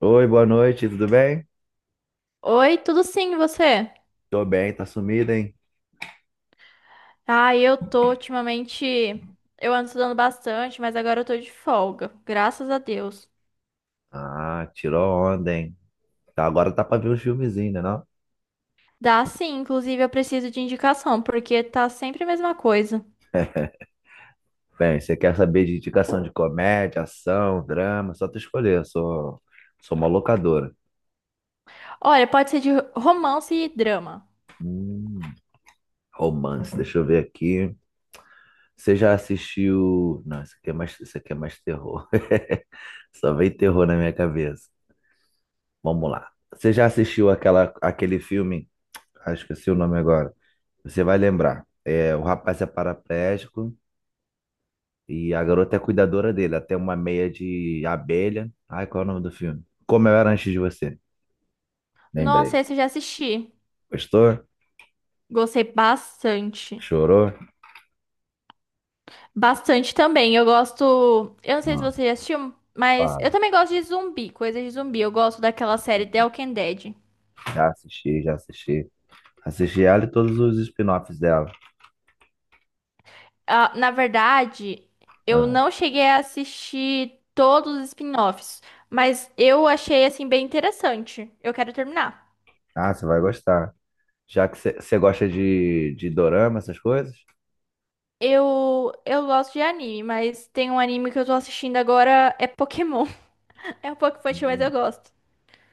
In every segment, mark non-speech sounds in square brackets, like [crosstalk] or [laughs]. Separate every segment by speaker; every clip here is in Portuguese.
Speaker 1: Oi, boa noite, tudo bem?
Speaker 2: Oi, tudo sim, e você?
Speaker 1: Tô bem, tá sumido, hein?
Speaker 2: Ah, eu tô ultimamente. Eu ando estudando bastante, mas agora eu tô de folga, graças a Deus.
Speaker 1: Ah, tirou onda, hein? Tá, agora tá pra ver uns filmezinhos, né, não?
Speaker 2: Dá sim, inclusive eu preciso de indicação, porque tá sempre a mesma coisa.
Speaker 1: Bem, você quer saber de indicação de comédia, ação, drama? Só tu escolher, eu sou uma locadora.
Speaker 2: Olha, pode ser de romance e drama.
Speaker 1: Hum, Romance, deixa eu ver aqui. Você já assistiu... Não, isso aqui é mais terror. [laughs] Só vem terror na minha cabeça. Vamos lá. Você já assistiu aquele filme? Ah, esqueci o nome agora. Você vai lembrar. É, o rapaz é paraplégico e a garota é cuidadora dele, até uma meia de abelha. Ai, qual é o nome do filme? Como eu era antes de você. Lembrei.
Speaker 2: Nossa, esse eu já assisti.
Speaker 1: Gostou?
Speaker 2: Gostei bastante.
Speaker 1: Chorou?
Speaker 2: Bastante também. Eu gosto. Eu não sei se
Speaker 1: Não,
Speaker 2: você já assistiu, mas eu
Speaker 1: fala.
Speaker 2: também gosto de zumbi, coisa de zumbi. Eu gosto daquela série The Walking Dead.
Speaker 1: Já assisti, já assisti. Assisti ela e todos os spin-offs dela.
Speaker 2: Ah, na verdade, eu
Speaker 1: Ah,
Speaker 2: não cheguei a assistir todos os spin-offs, mas eu achei assim bem interessante. Eu quero terminar.
Speaker 1: você vai gostar. Já que você gosta de dorama, essas coisas?
Speaker 2: Eu gosto de anime, mas tem um anime que eu tô assistindo agora é Pokémon. [laughs] É um pouco infantil, mas eu
Speaker 1: Hum.
Speaker 2: gosto.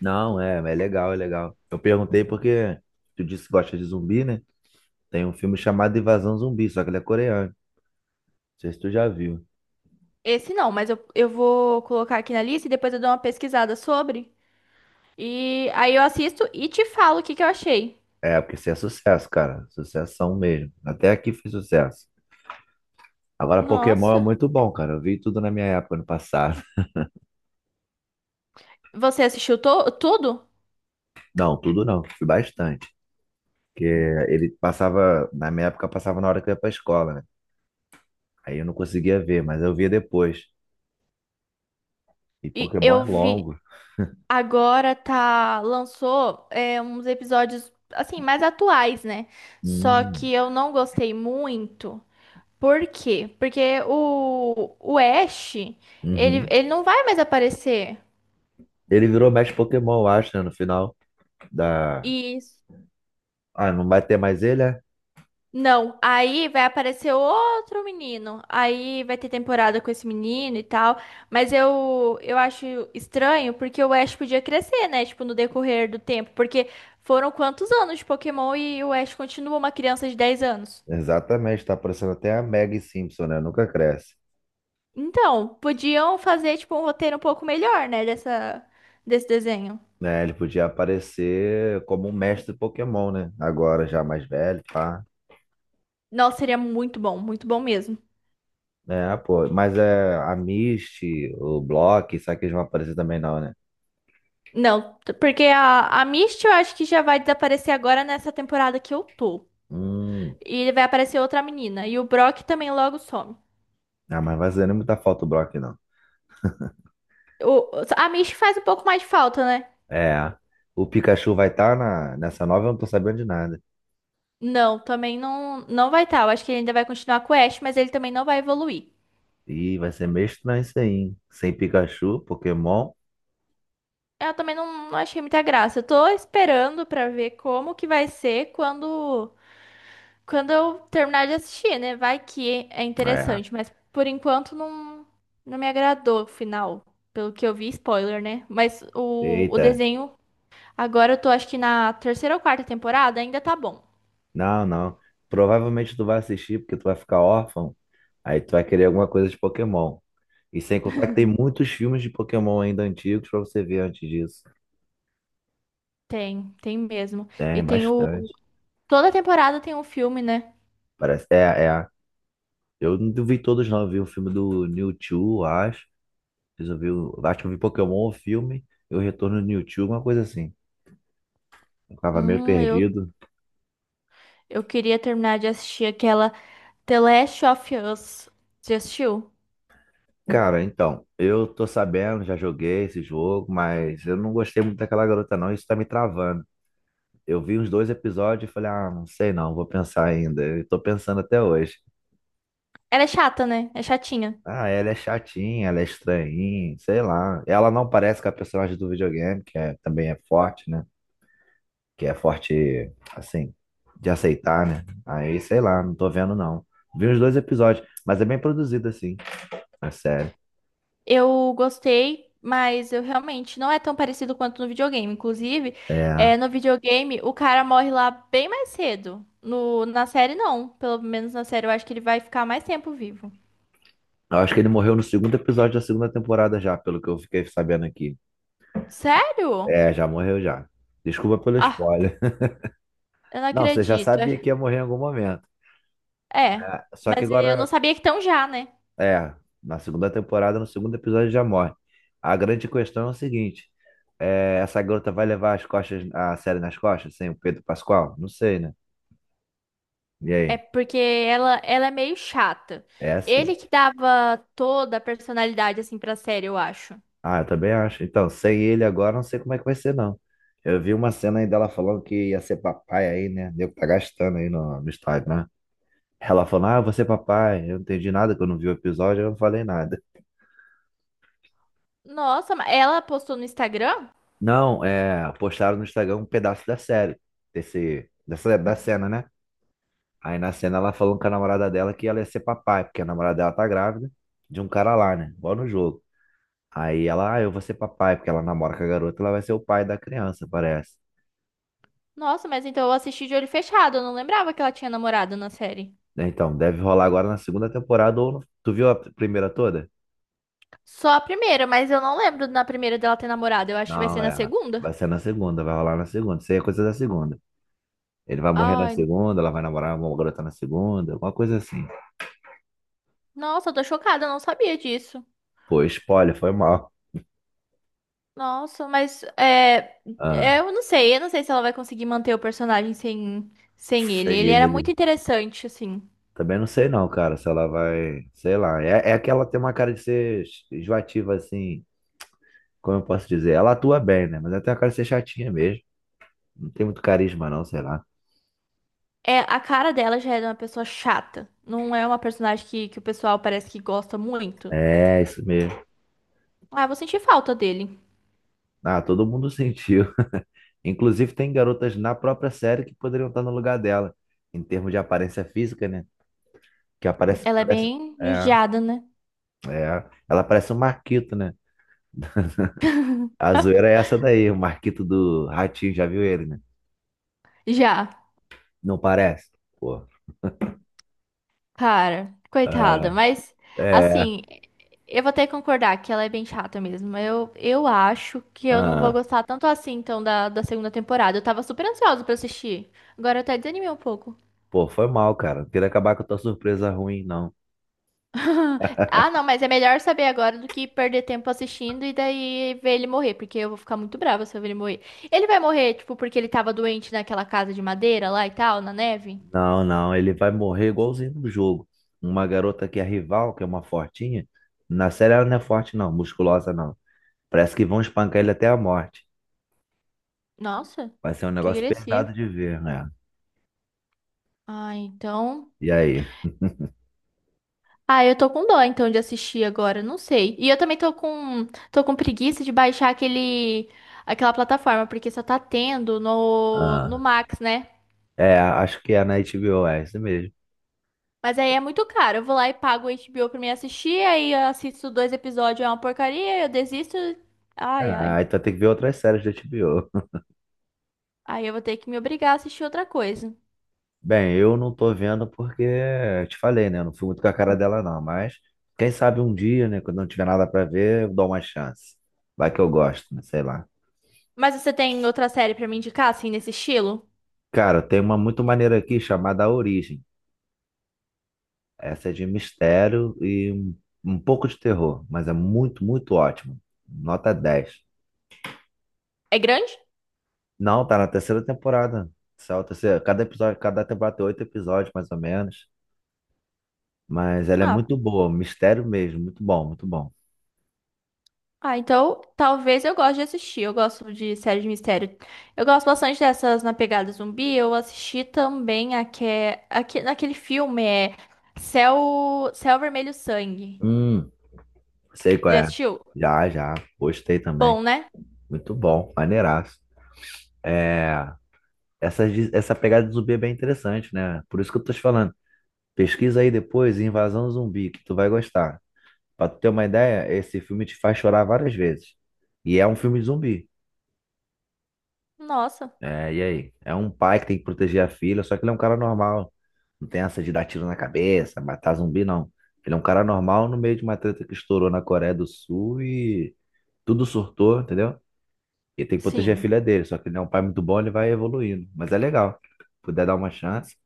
Speaker 1: Não, é legal, é legal. Eu perguntei porque tu disse que gosta de zumbi, né? Tem um filme chamado Invasão Zumbi, só que ele é coreano. Não sei se tu já viu.
Speaker 2: Esse não, mas eu vou colocar aqui na lista e depois eu dou uma pesquisada sobre. E aí eu assisto e te falo o que que eu achei.
Speaker 1: É, porque isso é sucesso, cara. Sucessão mesmo. Até aqui foi sucesso. Agora, Pokémon é
Speaker 2: Nossa,
Speaker 1: muito bom, cara. Eu vi tudo na minha época, no passado.
Speaker 2: você assistiu to tudo?
Speaker 1: [laughs] Não, tudo não. Vi bastante. Porque ele passava, na minha época, passava na hora que eu ia pra escola, né? Aí eu não conseguia ver, mas eu via depois. E
Speaker 2: E
Speaker 1: Pokémon é
Speaker 2: eu vi
Speaker 1: longo.
Speaker 2: Agora tá, lançou uns episódios assim mais atuais, né? Só
Speaker 1: Hum,
Speaker 2: que eu não gostei muito. Por quê? Porque o Ash, ele,
Speaker 1: uhum.
Speaker 2: ele não vai mais aparecer.
Speaker 1: Ele virou mestre Pokémon, eu acho, né? No final da...
Speaker 2: Isso.
Speaker 1: Ah, não vai ter mais ele, é?
Speaker 2: Não, aí vai aparecer outro menino. Aí vai ter temporada com esse menino e tal. Mas eu acho estranho porque o Ash podia crescer, né? Tipo, no decorrer do tempo. Porque foram quantos anos de Pokémon e o Ash continua uma criança de 10 anos?
Speaker 1: Exatamente. Tá parecendo até a Maggie Simpson, né? Nunca cresce.
Speaker 2: Então, podiam fazer tipo um roteiro um pouco melhor, né, dessa desse desenho.
Speaker 1: Né? Ele podia aparecer como um mestre Pokémon, né? Agora já mais velho, pá.
Speaker 2: Nossa, seria muito bom mesmo.
Speaker 1: É, pô. Mas é a Misty, o Brock, será que eles vão aparecer também não, né?
Speaker 2: Não, porque a Misty eu acho que já vai desaparecer agora nessa temporada que eu tô.
Speaker 1: Hum.
Speaker 2: E vai aparecer outra menina. E o Brock também logo some.
Speaker 1: Ah, mas vai fazer nem muita falta o Brock, não.
Speaker 2: O, a Misty faz um pouco mais de falta, né?
Speaker 1: É. O Pikachu vai estar nessa nova, eu não tô sabendo de nada.
Speaker 2: Não, também não, não vai estar. Eu acho que ele ainda vai continuar com o Ash, mas ele também não vai evoluir.
Speaker 1: Ih, vai ser meio estranho isso aí, hein? Sem Pikachu, Pokémon.
Speaker 2: Eu também não, não achei muita graça. Eu tô esperando pra ver como que vai ser quando. Quando eu terminar de assistir, né? Vai que é
Speaker 1: É.
Speaker 2: interessante, mas por enquanto não, não me agradou o final. Pelo que eu vi, spoiler, né? Mas o
Speaker 1: Eita.
Speaker 2: desenho, agora eu tô acho que na terceira ou quarta temporada, ainda tá bom.
Speaker 1: Não, não. Provavelmente tu vai assistir porque tu vai ficar órfão. Aí tu vai querer alguma coisa de Pokémon. E sem contar que tem muitos filmes de Pokémon ainda antigos pra você ver antes disso.
Speaker 2: Tem, tem mesmo. E
Speaker 1: Tem
Speaker 2: tem o.
Speaker 1: bastante.
Speaker 2: Toda temporada tem um filme, né?
Speaker 1: Parece. É, é. Eu não vi todos, não. Eu vi o filme do Mewtwo, acho. Fiz eu vi o- Acho que eu vi Pokémon, o filme, e o Retorno do Mewtwo, uma coisa assim. Eu tava meio
Speaker 2: Hum, eu,
Speaker 1: perdido.
Speaker 2: eu queria terminar de assistir aquela The Last of Us. Você assistiu?
Speaker 1: Cara, então, eu tô sabendo, já joguei esse jogo, mas eu não gostei muito daquela garota, não. Isso tá me travando. Eu vi uns dois episódios e falei, ah, não sei não, vou pensar ainda. Eu tô pensando até hoje.
Speaker 2: Ela é chata, né? É chatinha.
Speaker 1: Ah, ela é chatinha, ela é estranhinha, sei lá. Ela não parece com a personagem do videogame, que é, também é forte, né? Que é forte, assim, de aceitar, né? Aí, sei lá, não tô vendo, não. Vi os dois episódios, mas é bem produzido, assim, a série.
Speaker 2: Eu gostei, mas eu realmente não é tão parecido quanto no videogame. Inclusive,
Speaker 1: É.
Speaker 2: é, no videogame o cara morre lá bem mais cedo. No, na série, não. Pelo menos na série eu acho que ele vai ficar mais tempo vivo.
Speaker 1: Eu acho que ele morreu no segundo episódio da segunda temporada já, pelo que eu fiquei sabendo aqui.
Speaker 2: Sério?
Speaker 1: É, já morreu já. Desculpa pelo
Speaker 2: Ah,
Speaker 1: spoiler. [laughs]
Speaker 2: eu não
Speaker 1: Não, você já
Speaker 2: acredito.
Speaker 1: sabia que ia morrer em algum momento.
Speaker 2: É,
Speaker 1: Só que
Speaker 2: mas eu não
Speaker 1: agora
Speaker 2: sabia que tão já, né?
Speaker 1: é, na segunda temporada, no segundo episódio já morre. A grande questão é o seguinte: é, essa garota vai levar as costas, a série nas costas, sem o Pedro Pascoal? Não sei, né? E
Speaker 2: É
Speaker 1: aí?
Speaker 2: porque ela é meio chata.
Speaker 1: É assim.
Speaker 2: Ele que dava toda a personalidade assim pra série, eu acho.
Speaker 1: Ah, eu também acho. Então, sem ele agora, não sei como é que vai ser, não. Eu vi uma cena aí dela falando que ia ser papai aí, né? Deu que tá gastando aí no estádio, né? Ela falando, ah, eu vou ser papai. Eu não entendi nada, que eu não vi o episódio, eu não falei nada.
Speaker 2: Nossa, mas ela postou no Instagram?
Speaker 1: Não, é, postaram no Instagram um pedaço da série, da cena, né? Aí na cena ela falou com a namorada dela que ela ia ser papai, porque a namorada dela tá grávida de um cara lá, né? Igual no jogo. Aí ela, ah, eu vou ser papai, porque ela namora com a garota, ela vai ser o pai da criança, parece.
Speaker 2: Nossa, mas então eu assisti de olho fechado. Eu não lembrava que ela tinha namorado na série.
Speaker 1: Então, deve rolar agora na segunda temporada ou no... Tu viu a primeira toda?
Speaker 2: Só a primeira, mas eu não lembro na primeira dela ter namorado. Eu acho que vai ser
Speaker 1: Não,
Speaker 2: na
Speaker 1: é.
Speaker 2: segunda.
Speaker 1: Vai ser na segunda, vai rolar na segunda. Isso aí é coisa da segunda. Ele vai morrer na
Speaker 2: Ai,
Speaker 1: segunda, ela vai namorar uma garota na segunda, alguma coisa assim.
Speaker 2: nossa, eu tô chocada, eu não sabia disso.
Speaker 1: Pô, spoiler, foi mal.
Speaker 2: Nossa, mas é,
Speaker 1: Ah,
Speaker 2: é, eu não sei se ela vai conseguir manter o personagem sem ele.
Speaker 1: sei
Speaker 2: Ele era
Speaker 1: ele.
Speaker 2: muito interessante, assim.
Speaker 1: Também não sei não, cara, se ela vai, sei lá. É que ela tem uma cara de ser enjoativa, assim, como eu posso dizer. Ela atua bem, né? Mas ela tem uma cara de ser chatinha mesmo. Não tem muito carisma não, sei lá.
Speaker 2: É, a cara dela já é uma pessoa chata. Não é uma personagem que o pessoal parece que gosta muito.
Speaker 1: É, isso mesmo.
Speaker 2: Ah, eu vou sentir falta dele.
Speaker 1: Ah, todo mundo [laughs] sentiu. Inclusive tem garotas na própria série que poderiam estar no lugar dela, em termos de aparência física, né? Que aparece,
Speaker 2: Ela é
Speaker 1: parece,
Speaker 2: bem
Speaker 1: é,
Speaker 2: judiada, né?
Speaker 1: ela parece um Marquito, né? A zoeira é essa daí, o Marquito do Ratinho, já viu ele, né?
Speaker 2: Já.
Speaker 1: Não parece? Pô.
Speaker 2: Cara, coitada,
Speaker 1: É,
Speaker 2: mas
Speaker 1: é.
Speaker 2: assim, eu vou ter que concordar que ela é bem chata mesmo. Eu acho que eu não vou
Speaker 1: Ah.
Speaker 2: gostar tanto assim, então, da segunda temporada. Eu tava super ansiosa pra assistir. Agora eu até desanimei um pouco.
Speaker 1: Pô, foi mal, cara. Não queria acabar com a tua surpresa ruim, não.
Speaker 2: [laughs] Ah, não, mas é melhor saber agora do que perder tempo assistindo e daí ver ele morrer, porque eu vou ficar muito brava se eu ver ele morrer. Ele vai morrer, tipo, porque ele tava doente naquela casa de madeira lá e tal, na neve?
Speaker 1: Não, não, ele vai morrer igualzinho no jogo. Uma garota que é rival, que é uma fortinha, na série ela não é forte, não, musculosa, não. Parece que vão espancar ele até a morte.
Speaker 2: Nossa,
Speaker 1: Vai ser um
Speaker 2: que
Speaker 1: negócio
Speaker 2: agressivo.
Speaker 1: pesado de ver, né?
Speaker 2: Ah, então.
Speaker 1: E aí?
Speaker 2: Ah, eu tô com dó então de assistir agora, não sei. E eu também tô com preguiça de baixar aquele aquela plataforma, porque só tá tendo no
Speaker 1: Ah,
Speaker 2: Max, né?
Speaker 1: é, acho que é na HBO, é isso mesmo.
Speaker 2: Mas aí é muito caro. Eu vou lá e pago o HBO pra me assistir, aí eu assisto dois episódios, é uma porcaria, eu desisto. Ai, ai.
Speaker 1: Ah, então tem que ver outras séries da HBO.
Speaker 2: Aí eu vou ter que me obrigar a assistir outra coisa.
Speaker 1: Bem, eu não tô vendo porque te falei, né? Eu não fui muito com a cara dela, não. Mas quem sabe um dia, né? Quando não tiver nada pra ver, eu dou uma chance. Vai que eu gosto, né? Sei lá.
Speaker 2: Mas você tem outra série pra me indicar assim nesse estilo?
Speaker 1: Cara, tem uma muito maneira aqui chamada A Origem. Essa é de mistério e um pouco de terror, mas é muito, muito ótimo. Nota dez.
Speaker 2: É grande?
Speaker 1: Não, tá na terceira temporada. Essa é a terceira. Cada temporada tem oito episódios, mais ou menos. Mas ela é
Speaker 2: Ah.
Speaker 1: muito boa, mistério mesmo, muito bom, muito bom.
Speaker 2: Ah, então talvez eu goste de assistir. Eu gosto de série de mistério. Eu gosto bastante dessas na pegada zumbi. Eu assisti também naquele filme é Céu Vermelho Sangue.
Speaker 1: Hum. Sei qual
Speaker 2: Já
Speaker 1: é.
Speaker 2: assistiu?
Speaker 1: Já, já. Gostei também.
Speaker 2: Bom, né?
Speaker 1: Muito bom. Maneiraço. É, essa pegada de zumbi é bem interessante, né? Por isso que eu tô te falando. Pesquisa aí depois, Invasão Zumbi, que tu vai gostar. Pra tu ter uma ideia, esse filme te faz chorar várias vezes. E é um filme de zumbi.
Speaker 2: Nossa,
Speaker 1: É, e aí? É um pai que tem que proteger a filha, só que ele é um cara normal. Não tem essa de dar tiro na cabeça, matar zumbi, não. Ele é um cara normal no meio de uma treta que estourou na Coreia do Sul e tudo surtou, entendeu? Ele tem que proteger a
Speaker 2: sim.
Speaker 1: filha dele, só que ele é um pai muito bom, ele vai evoluindo. Mas é legal. Puder dar uma chance,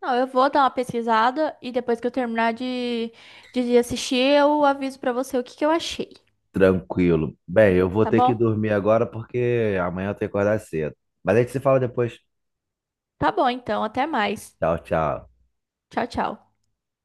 Speaker 2: Não, eu vou dar uma pesquisada e depois que eu terminar de, de assistir, eu aviso pra você o que que eu achei,
Speaker 1: tranquilo. Bem, eu vou
Speaker 2: tá
Speaker 1: ter que
Speaker 2: bom?
Speaker 1: dormir agora porque amanhã eu tenho que acordar cedo. Mas a gente se fala depois.
Speaker 2: Tá bom, então, até mais.
Speaker 1: Tchau, tchau.
Speaker 2: Tchau, tchau.